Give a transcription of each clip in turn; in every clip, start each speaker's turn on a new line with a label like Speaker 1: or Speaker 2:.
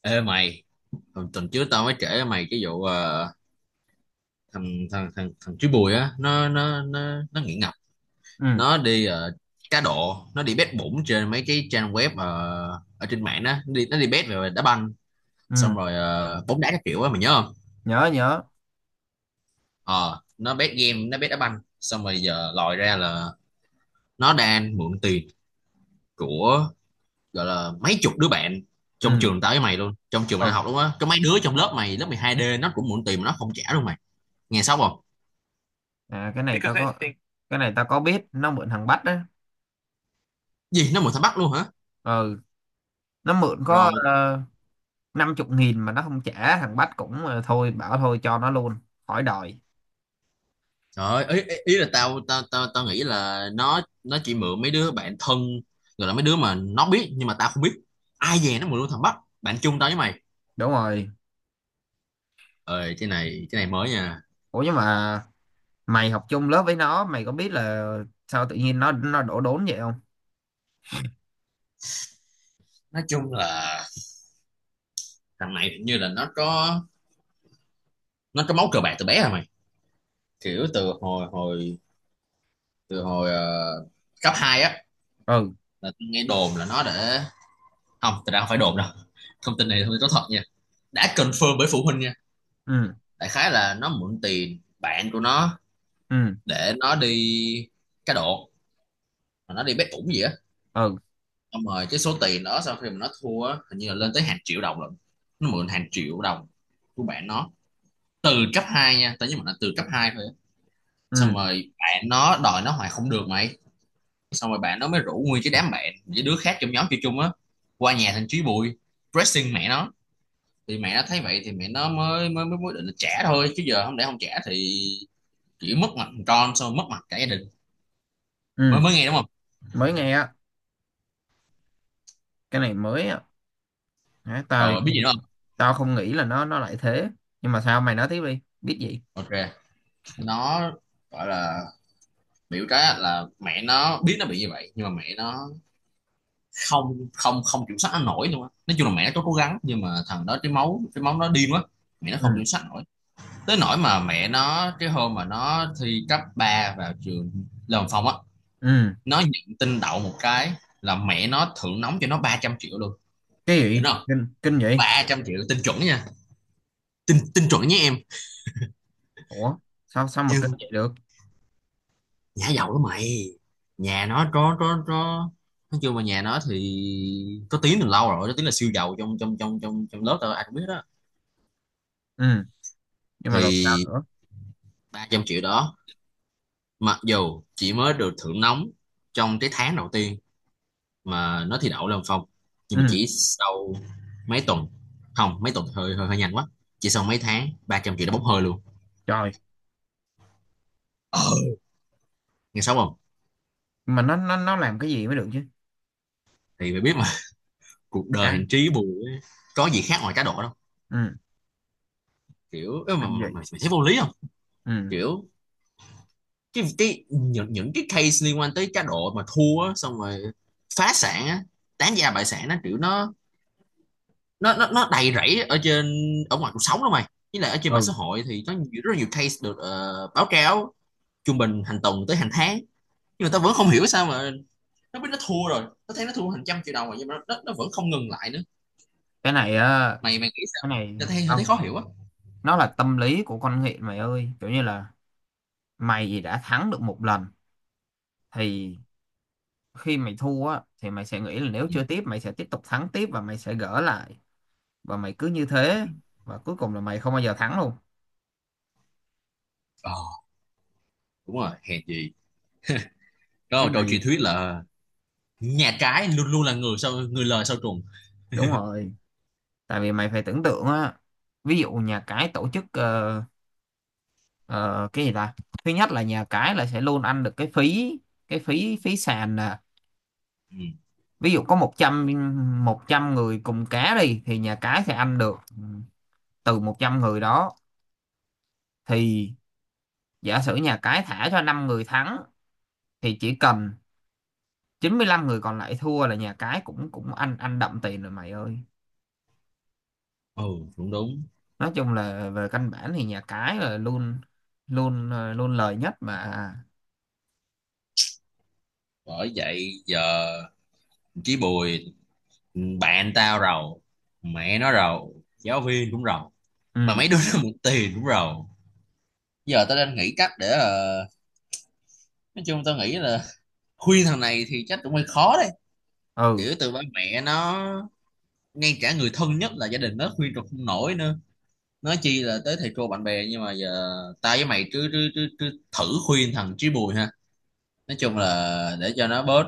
Speaker 1: Ê mày, hồi tuần trước tao mới kể với mày cái vụ thằng thằng thằng thằng chú Bùi á, nó nghiện ngập,
Speaker 2: Ừ,
Speaker 1: nó đi cá độ, nó đi bet bủng trên mấy cái trang web ở trên mạng đó, nó đi bet về đá banh,
Speaker 2: ừ.
Speaker 1: xong rồi bóng đá các kiểu á mày nhớ không?
Speaker 2: Nhớ nhớ.
Speaker 1: Ờ, nó bet game, nó bet đá banh, xong rồi giờ lòi ra là nó đang mượn tiền của, gọi là mấy chục đứa bạn trong
Speaker 2: Ừ,
Speaker 1: trường tao với mày luôn, trong trường mày đang
Speaker 2: ừ.
Speaker 1: học luôn á, có mấy đứa trong lớp mày lớp 12D nó cũng mượn tiền mà nó không trả luôn mày. Nghe xong không?
Speaker 2: À, cái này tao because I có think cái này tao có biết nó mượn thằng Bách á.
Speaker 1: Gì nó mượn thằng Bắc luôn hả?
Speaker 2: Ừ, nó mượn có
Speaker 1: Rồi
Speaker 2: 50.000 mà nó không trả, thằng Bách cũng thôi, bảo thôi cho nó luôn, khỏi đòi.
Speaker 1: trời ơi, ý, ý ý là tao tao tao tao nghĩ là nó chỉ mượn mấy đứa bạn thân, rồi là mấy đứa mà nó biết, nhưng mà tao không biết ai. Về nó mượn luôn thằng Bắc bạn chung tao với mày
Speaker 2: Đúng rồi.
Speaker 1: ơi, cái này mới nha.
Speaker 2: Ủa, nhưng mà mày học chung lớp với nó, mày có biết là sao tự nhiên nó đổ đốn vậy không?
Speaker 1: Nói chung là thằng này hình như là nó có máu cờ bạc từ bé rồi mày, kiểu từ hồi hồi từ hồi ờ, cấp 2 á.
Speaker 2: Ừ.
Speaker 1: Là tao nghe đồn là nó để, không thật ra không phải đồn đâu, thông tin này, thông tin có thật nha, đã confirm bởi phụ huynh nha.
Speaker 2: Ừ.
Speaker 1: Đại khái là nó mượn tiền bạn của nó
Speaker 2: Ừ.
Speaker 1: để nó đi cá độ, mà nó đi bet ủng gì á,
Speaker 2: Ừ.
Speaker 1: xong rồi cái số tiền đó sau khi mà nó thua á hình như là lên tới hàng triệu đồng lận. Nó mượn hàng triệu đồng của bạn nó từ cấp 2 nha, tao nhớ mà là từ cấp 2 thôi á. Xong
Speaker 2: Ừ.
Speaker 1: rồi bạn nó đòi nó hoài không được mày, xong rồi bạn nó mới rủ nguyên cái đám bạn với đứa khác trong nhóm chơi chung á qua nhà thằng Chí Bùi pressing mẹ nó. Thì mẹ nó thấy vậy thì mẹ nó mới định là trả thôi, chứ giờ không, để không trả thì chỉ mất mặt thằng con, xong rồi mất mặt cả gia đình. mới
Speaker 2: Ừ.
Speaker 1: mới nghe đúng không?
Speaker 2: Mới nghe á. Cái này mới á. Hả, tao
Speaker 1: Rồi biết gì đúng không?
Speaker 2: tao không nghĩ là nó lại thế. Nhưng mà sao mày nói tiếp đi, biết gì?
Speaker 1: Ok, nó, gọi là biểu cái là mẹ nó biết nó bị như vậy, nhưng mà mẹ nó không không không kiểm soát nó nổi luôn á. Nói chung là mẹ nó có cố gắng, nhưng mà thằng đó cái máu nó điên quá, mẹ nó
Speaker 2: Ừ.
Speaker 1: không kiểm soát nổi. Tới nỗi mà mẹ nó, cái hôm mà nó thi cấp 3 vào trường Lâm Phong á,
Speaker 2: Ừ.
Speaker 1: nó nhận tin đậu một cái là mẹ nó thưởng nóng cho nó 300 triệu luôn.
Speaker 2: Cái gì
Speaker 1: Đỉnh không?
Speaker 2: kinh kinh vậy?
Speaker 1: 300 triệu tin chuẩn nha, tin tin chuẩn nhé em.
Speaker 2: Ủa, sao sao mà kinh
Speaker 1: Nhưng
Speaker 2: vậy được?
Speaker 1: Nhả dầu đó mày. Nhà nó có. Nói chung mà nhà nó thì có tiếng từ lâu rồi, có tiếng là siêu giàu, trong trong trong trong trong lớp tao ai cũng biết đó.
Speaker 2: Ừ. Nhưng mà rồi sao
Speaker 1: Thì
Speaker 2: nữa?
Speaker 1: 300 triệu đó, mặc dù chỉ mới được thưởng nóng trong cái tháng đầu tiên mà nó thi đậu lên phòng, nhưng mà
Speaker 2: Ừ.
Speaker 1: chỉ sau mấy tuần. Không, mấy tuần thì hơi hơi, hơi nhanh quá. Chỉ sau mấy tháng 300 triệu đã bốc hơi luôn.
Speaker 2: Trời.
Speaker 1: Ờ, nghe xấu không?
Speaker 2: Nhưng mà nó làm cái gì mới được chứ?
Speaker 1: Thì mày biết mà, cuộc đời
Speaker 2: Cả.
Speaker 1: hành trí bù ấy, có gì khác ngoài cá độ đâu.
Speaker 2: Ừ.
Speaker 1: Kiểu ơ,
Speaker 2: Kinh dị.
Speaker 1: mà mày thấy vô lý không?
Speaker 2: Ừ.
Speaker 1: Kiểu cái những cái case liên quan tới cá độ mà thua á, xong rồi phá sản á, tán gia bại sản, nó kiểu nó đầy rẫy ở trên, ở ngoài cuộc sống đó mày. Với lại ở trên mạng
Speaker 2: Ừ.
Speaker 1: xã hội thì có nhiều, rất là nhiều case được báo cáo trung bình hàng tuần tới hàng tháng. Nhưng mà tao vẫn không hiểu sao mà nó biết nó thua rồi, nó thấy nó thua hàng trăm triệu đồng rồi nhưng mà nó vẫn không ngừng lại nữa.
Speaker 2: Cái này á.
Speaker 1: Mày mày nghĩ
Speaker 2: Cái
Speaker 1: sao,
Speaker 2: này
Speaker 1: ta thấy hơi, thấy
Speaker 2: không.
Speaker 1: khó hiểu á.
Speaker 2: Nó là tâm lý của con nghiện mày ơi, kiểu như là mày đã thắng được một lần thì khi mày thua á thì mày sẽ nghĩ là nếu
Speaker 1: Ừ.
Speaker 2: chưa tiếp mày sẽ tiếp tục thắng tiếp và mày sẽ gỡ lại. Và mày cứ như thế, và cuối cùng là mày không bao giờ thắng luôn.
Speaker 1: Ờ, đúng rồi hèn gì, đó
Speaker 2: Cái
Speaker 1: là câu
Speaker 2: này
Speaker 1: truyền thuyết, là nhà trái luôn luôn là người sau, người lời sau trùng.
Speaker 2: đúng rồi. Tại vì mày phải tưởng tượng á, ví dụ nhà cái tổ chức ờ, cái gì ta? Thứ nhất là nhà cái là sẽ luôn ăn được cái phí phí sàn nè.
Speaker 1: Ừ.
Speaker 2: Ví dụ có một trăm người cùng cá đi thì nhà cái sẽ ăn được từ 100 người đó. Thì giả sử nhà cái thả cho 5 người thắng thì chỉ cần 95 người còn lại thua là nhà cái cũng cũng ăn ăn đậm tiền rồi mày ơi.
Speaker 1: Ừ, đúng đúng.
Speaker 2: Nói chung là về căn bản thì nhà cái là luôn luôn, luôn lời nhất mà. À,
Speaker 1: Bởi vậy giờ chí Bùi bạn tao rầu, mẹ nó rầu, giáo viên cũng rầu, mà
Speaker 2: ừ,
Speaker 1: mấy đứa nó mượn tiền cũng rầu. Giờ tao đang nghĩ cách để nói chung tao nghĩ là khuyên thằng này thì chắc cũng hơi khó đấy,
Speaker 2: ừ,
Speaker 1: kiểu từ ba mẹ nó, ngay cả người thân nhất là gia đình nó khuyên tao không nổi nữa, nói chi là tới thầy cô bạn bè. Nhưng mà giờ tao với mày cứ thử khuyên thằng Chí Bùi ha, nói chung là để cho nó bớt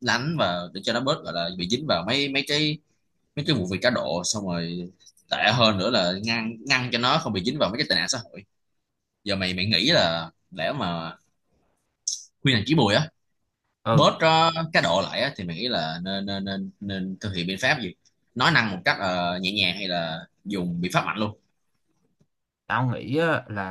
Speaker 1: lánh, và để cho nó bớt, gọi là bị dính vào mấy mấy cái vụ việc cá độ, xong rồi tệ hơn nữa là ngăn ngăn cho nó không bị dính vào mấy cái tệ nạn xã hội. Giờ mày mày nghĩ là lẽ mà khuyên hành chí Bùi á
Speaker 2: ừ.
Speaker 1: bớt cá độ lại á, thì mày nghĩ là nên nên nên nên thực hiện biện pháp gì, nói năng một cách nhẹ nhàng hay là dùng biện pháp mạnh luôn?
Speaker 2: Tao nghĩ á, là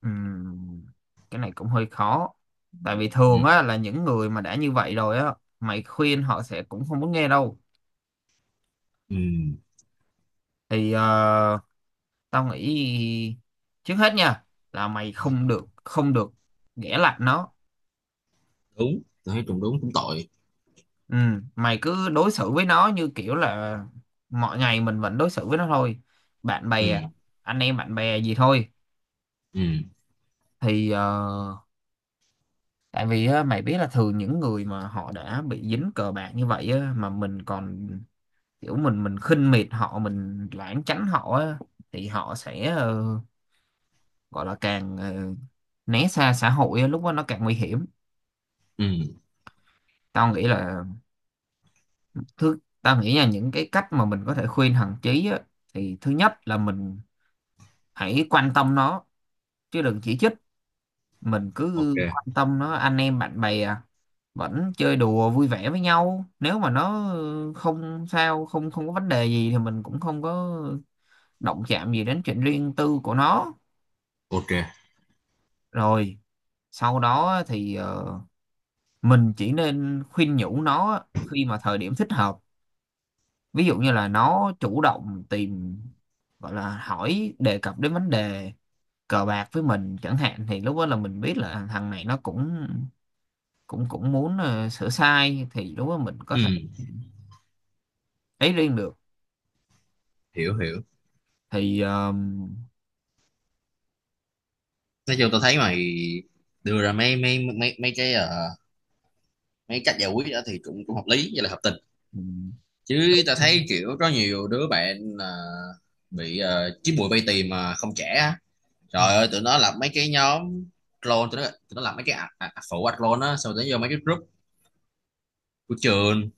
Speaker 2: ừm, cái này cũng hơi khó. Tại vì
Speaker 1: Ừ.
Speaker 2: thường á là những người mà đã như vậy rồi á, mày khuyên họ sẽ cũng không muốn nghe đâu.
Speaker 1: Ừ,
Speaker 2: Thì tao nghĩ trước hết nha là mày không được ghẻ lạnh nó.
Speaker 1: đúng, tôi thấy cũng đúng cũng tội.
Speaker 2: Ừ, mày cứ đối xử với nó như kiểu là mọi ngày mình vẫn đối xử với nó thôi, bạn
Speaker 1: Ừ.
Speaker 2: bè, anh em bạn bè gì thôi.
Speaker 1: Ừ.
Speaker 2: Thì tại vì á, mày biết là thường những người mà họ đã bị dính cờ bạc như vậy á, mà mình còn kiểu mình khinh miệt họ, mình lảng tránh họ á, thì họ sẽ gọi là càng né xa xã hội á, lúc đó nó càng nguy hiểm.
Speaker 1: Ừ.
Speaker 2: Tao nghĩ là, tao nghĩ là những cái cách mà mình có thể khuyên thằng Chí á, thì thứ nhất là mình hãy quan tâm nó chứ đừng chỉ trích. Mình cứ
Speaker 1: Ok.
Speaker 2: quan tâm nó, anh em bạn bè à, vẫn chơi đùa vui vẻ với nhau, nếu mà nó không sao, không không có vấn đề gì thì mình cũng không có động chạm gì đến chuyện riêng tư của nó.
Speaker 1: Ok.
Speaker 2: Rồi sau đó thì mình chỉ nên khuyên nhủ nó khi mà thời điểm thích hợp. Ví dụ như là nó chủ động tìm, gọi là hỏi đề cập đến vấn đề cờ bạc với mình chẳng hạn, thì lúc đó là mình biết là thằng này nó cũng cũng cũng muốn sửa sai, thì lúc đó mình có
Speaker 1: Ừ.
Speaker 2: thể ấy riêng được.
Speaker 1: Hiểu, hiểu.
Speaker 2: Thì
Speaker 1: Nói chung tôi thấy mày đưa ra mấy mấy mấy mấy cái mấy cách giải quyết đó thì cũng cũng hợp lý với là hợp tình. Chứ ta thấy kiểu có nhiều đứa bạn là bị chín mùi bay tìm mà không trẻ á. Trời ơi tụi nó làm mấy cái nhóm clone, tụi nó làm mấy cái phụ ạ clone á, xong tụi nó vô mấy cái group của trường.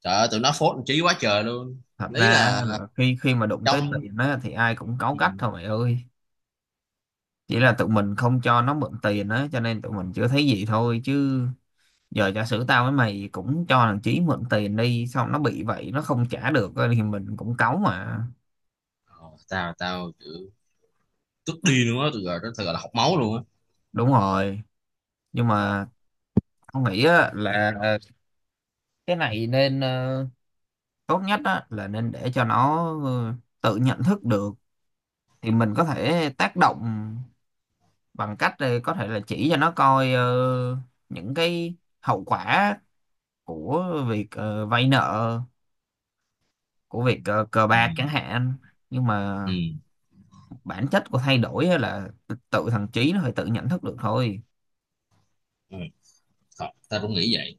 Speaker 1: Trời ơi tụi nó phốt trí quá trời luôn.
Speaker 2: thật ra
Speaker 1: Ý là
Speaker 2: á là khi khi mà đụng tới
Speaker 1: trong.
Speaker 2: tiền á thì ai cũng cáu gắt thôi mày ơi. Chỉ là tụi mình không cho nó mượn tiền á cho nên tụi mình chưa thấy gì thôi, chứ giờ giả sử tao với mày cũng cho thằng Chí mượn tiền đi, xong nó bị vậy, nó không trả được á, thì mình cũng cáu mà.
Speaker 1: Ờ, tao tao kiểu tức điên luôn á, tụi rồi nó thật là học máu luôn á.
Speaker 2: Đúng rồi. Nhưng mà tao nghĩ á là cái này nên tốt nhất á là nên để cho nó tự nhận thức được, thì mình có thể tác động bằng cách có thể là chỉ cho nó coi những cái hậu quả của việc vay nợ, của việc cờ bạc chẳng
Speaker 1: Ừ.
Speaker 2: hạn. Nhưng mà
Speaker 1: Ừ.
Speaker 2: bản chất của thay đổi á là tự thằng Trí nó phải tự nhận thức được thôi.
Speaker 1: Ừ. Thật, tao cũng nghĩ vậy.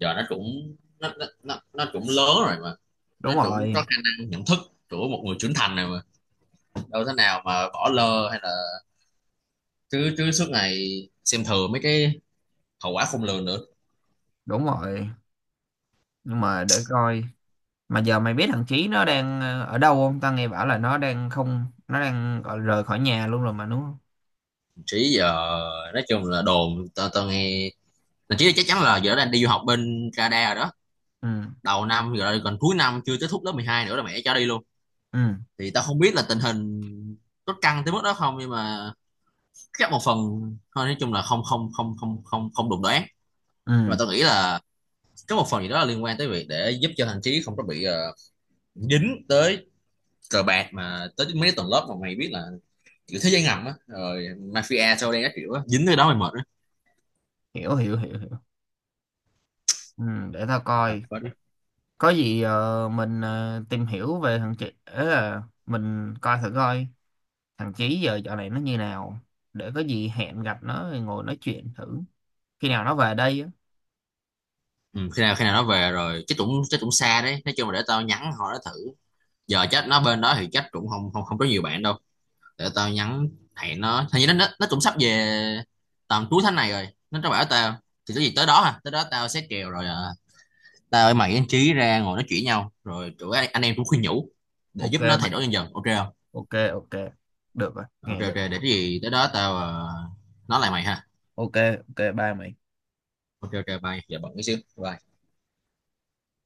Speaker 1: Giờ nó cũng, nó cũng lớn rồi mà. Nó
Speaker 2: Đúng
Speaker 1: cũng có
Speaker 2: rồi.
Speaker 1: khả năng nhận thức của một người trưởng thành này, đâu thế nào mà bỏ lơ hay là cứ cứ suốt ngày xem thường mấy cái hậu quả khôn lường nữa.
Speaker 2: Đúng rồi. Nhưng mà để coi, mà giờ mày biết thằng Trí nó đang ở đâu không? Tao nghe bảo là nó đang, không, nó đang gọi rời khỏi nhà luôn rồi mà đúng không?
Speaker 1: Trí giờ nói chung là đồn tao, nghe thậm chí chắc chắn là giờ nó đang đi du học bên Canada rồi đó,
Speaker 2: Ừ.
Speaker 1: đầu năm rồi còn cuối năm chưa kết thúc lớp 12 nữa là mẹ cho đi luôn.
Speaker 2: Ừ.
Speaker 1: Thì tao không biết là tình hình có căng tới mức đó không nhưng mà chắc một phần thôi. Nói chung là không không không không không không đụng đoán.
Speaker 2: Ừ.
Speaker 1: Nhưng mà tao nghĩ là có một phần gì đó là liên quan tới việc để giúp cho thằng Trí không có bị dính tới cờ bạc, mà tới mấy tuần lớp mà mày biết là kiểu thế giới ngầm á, rồi mafia sau đây các kiểu á dính tới đó mày mệt á.
Speaker 2: Hiểu, hiểu, hiểu, hiểu. Ừ, để tao
Speaker 1: Gặp
Speaker 2: coi
Speaker 1: hết á.
Speaker 2: có gì mình tìm hiểu về thằng Chí ấy, là mình coi thử coi thằng Chí giờ dạo này nó như nào, để có gì hẹn gặp nó rồi ngồi nói chuyện thử khi nào nó về đây á.
Speaker 1: Ừ, khi nào nó về rồi chắc cũng, xa đấy. Nói chung là để tao nhắn họ nó thử, giờ chắc nó bên đó thì chắc cũng không không không có nhiều bạn đâu. Để tao nhắn hẹn nó, hình như nó cũng sắp về tầm cuối tháng này rồi, nó bảo tao. Thì cái gì tới đó à, tới đó tao sẽ kèo rồi à. Tao với mày với anh Trí ra ngồi nói chuyện nhau rồi anh em cũng khuyên nhủ để
Speaker 2: Ok
Speaker 1: giúp nó thay
Speaker 2: mày.
Speaker 1: đổi dần dần, ok không?
Speaker 2: Ok, ok. Được rồi,
Speaker 1: Ok,
Speaker 2: nghe
Speaker 1: ok.
Speaker 2: được.
Speaker 1: Để cái gì tới đó tao nói lại mày ha.
Speaker 2: Ok, ok ba mày.
Speaker 1: Ok, ok, bye, giờ bận cái xíu. Bye.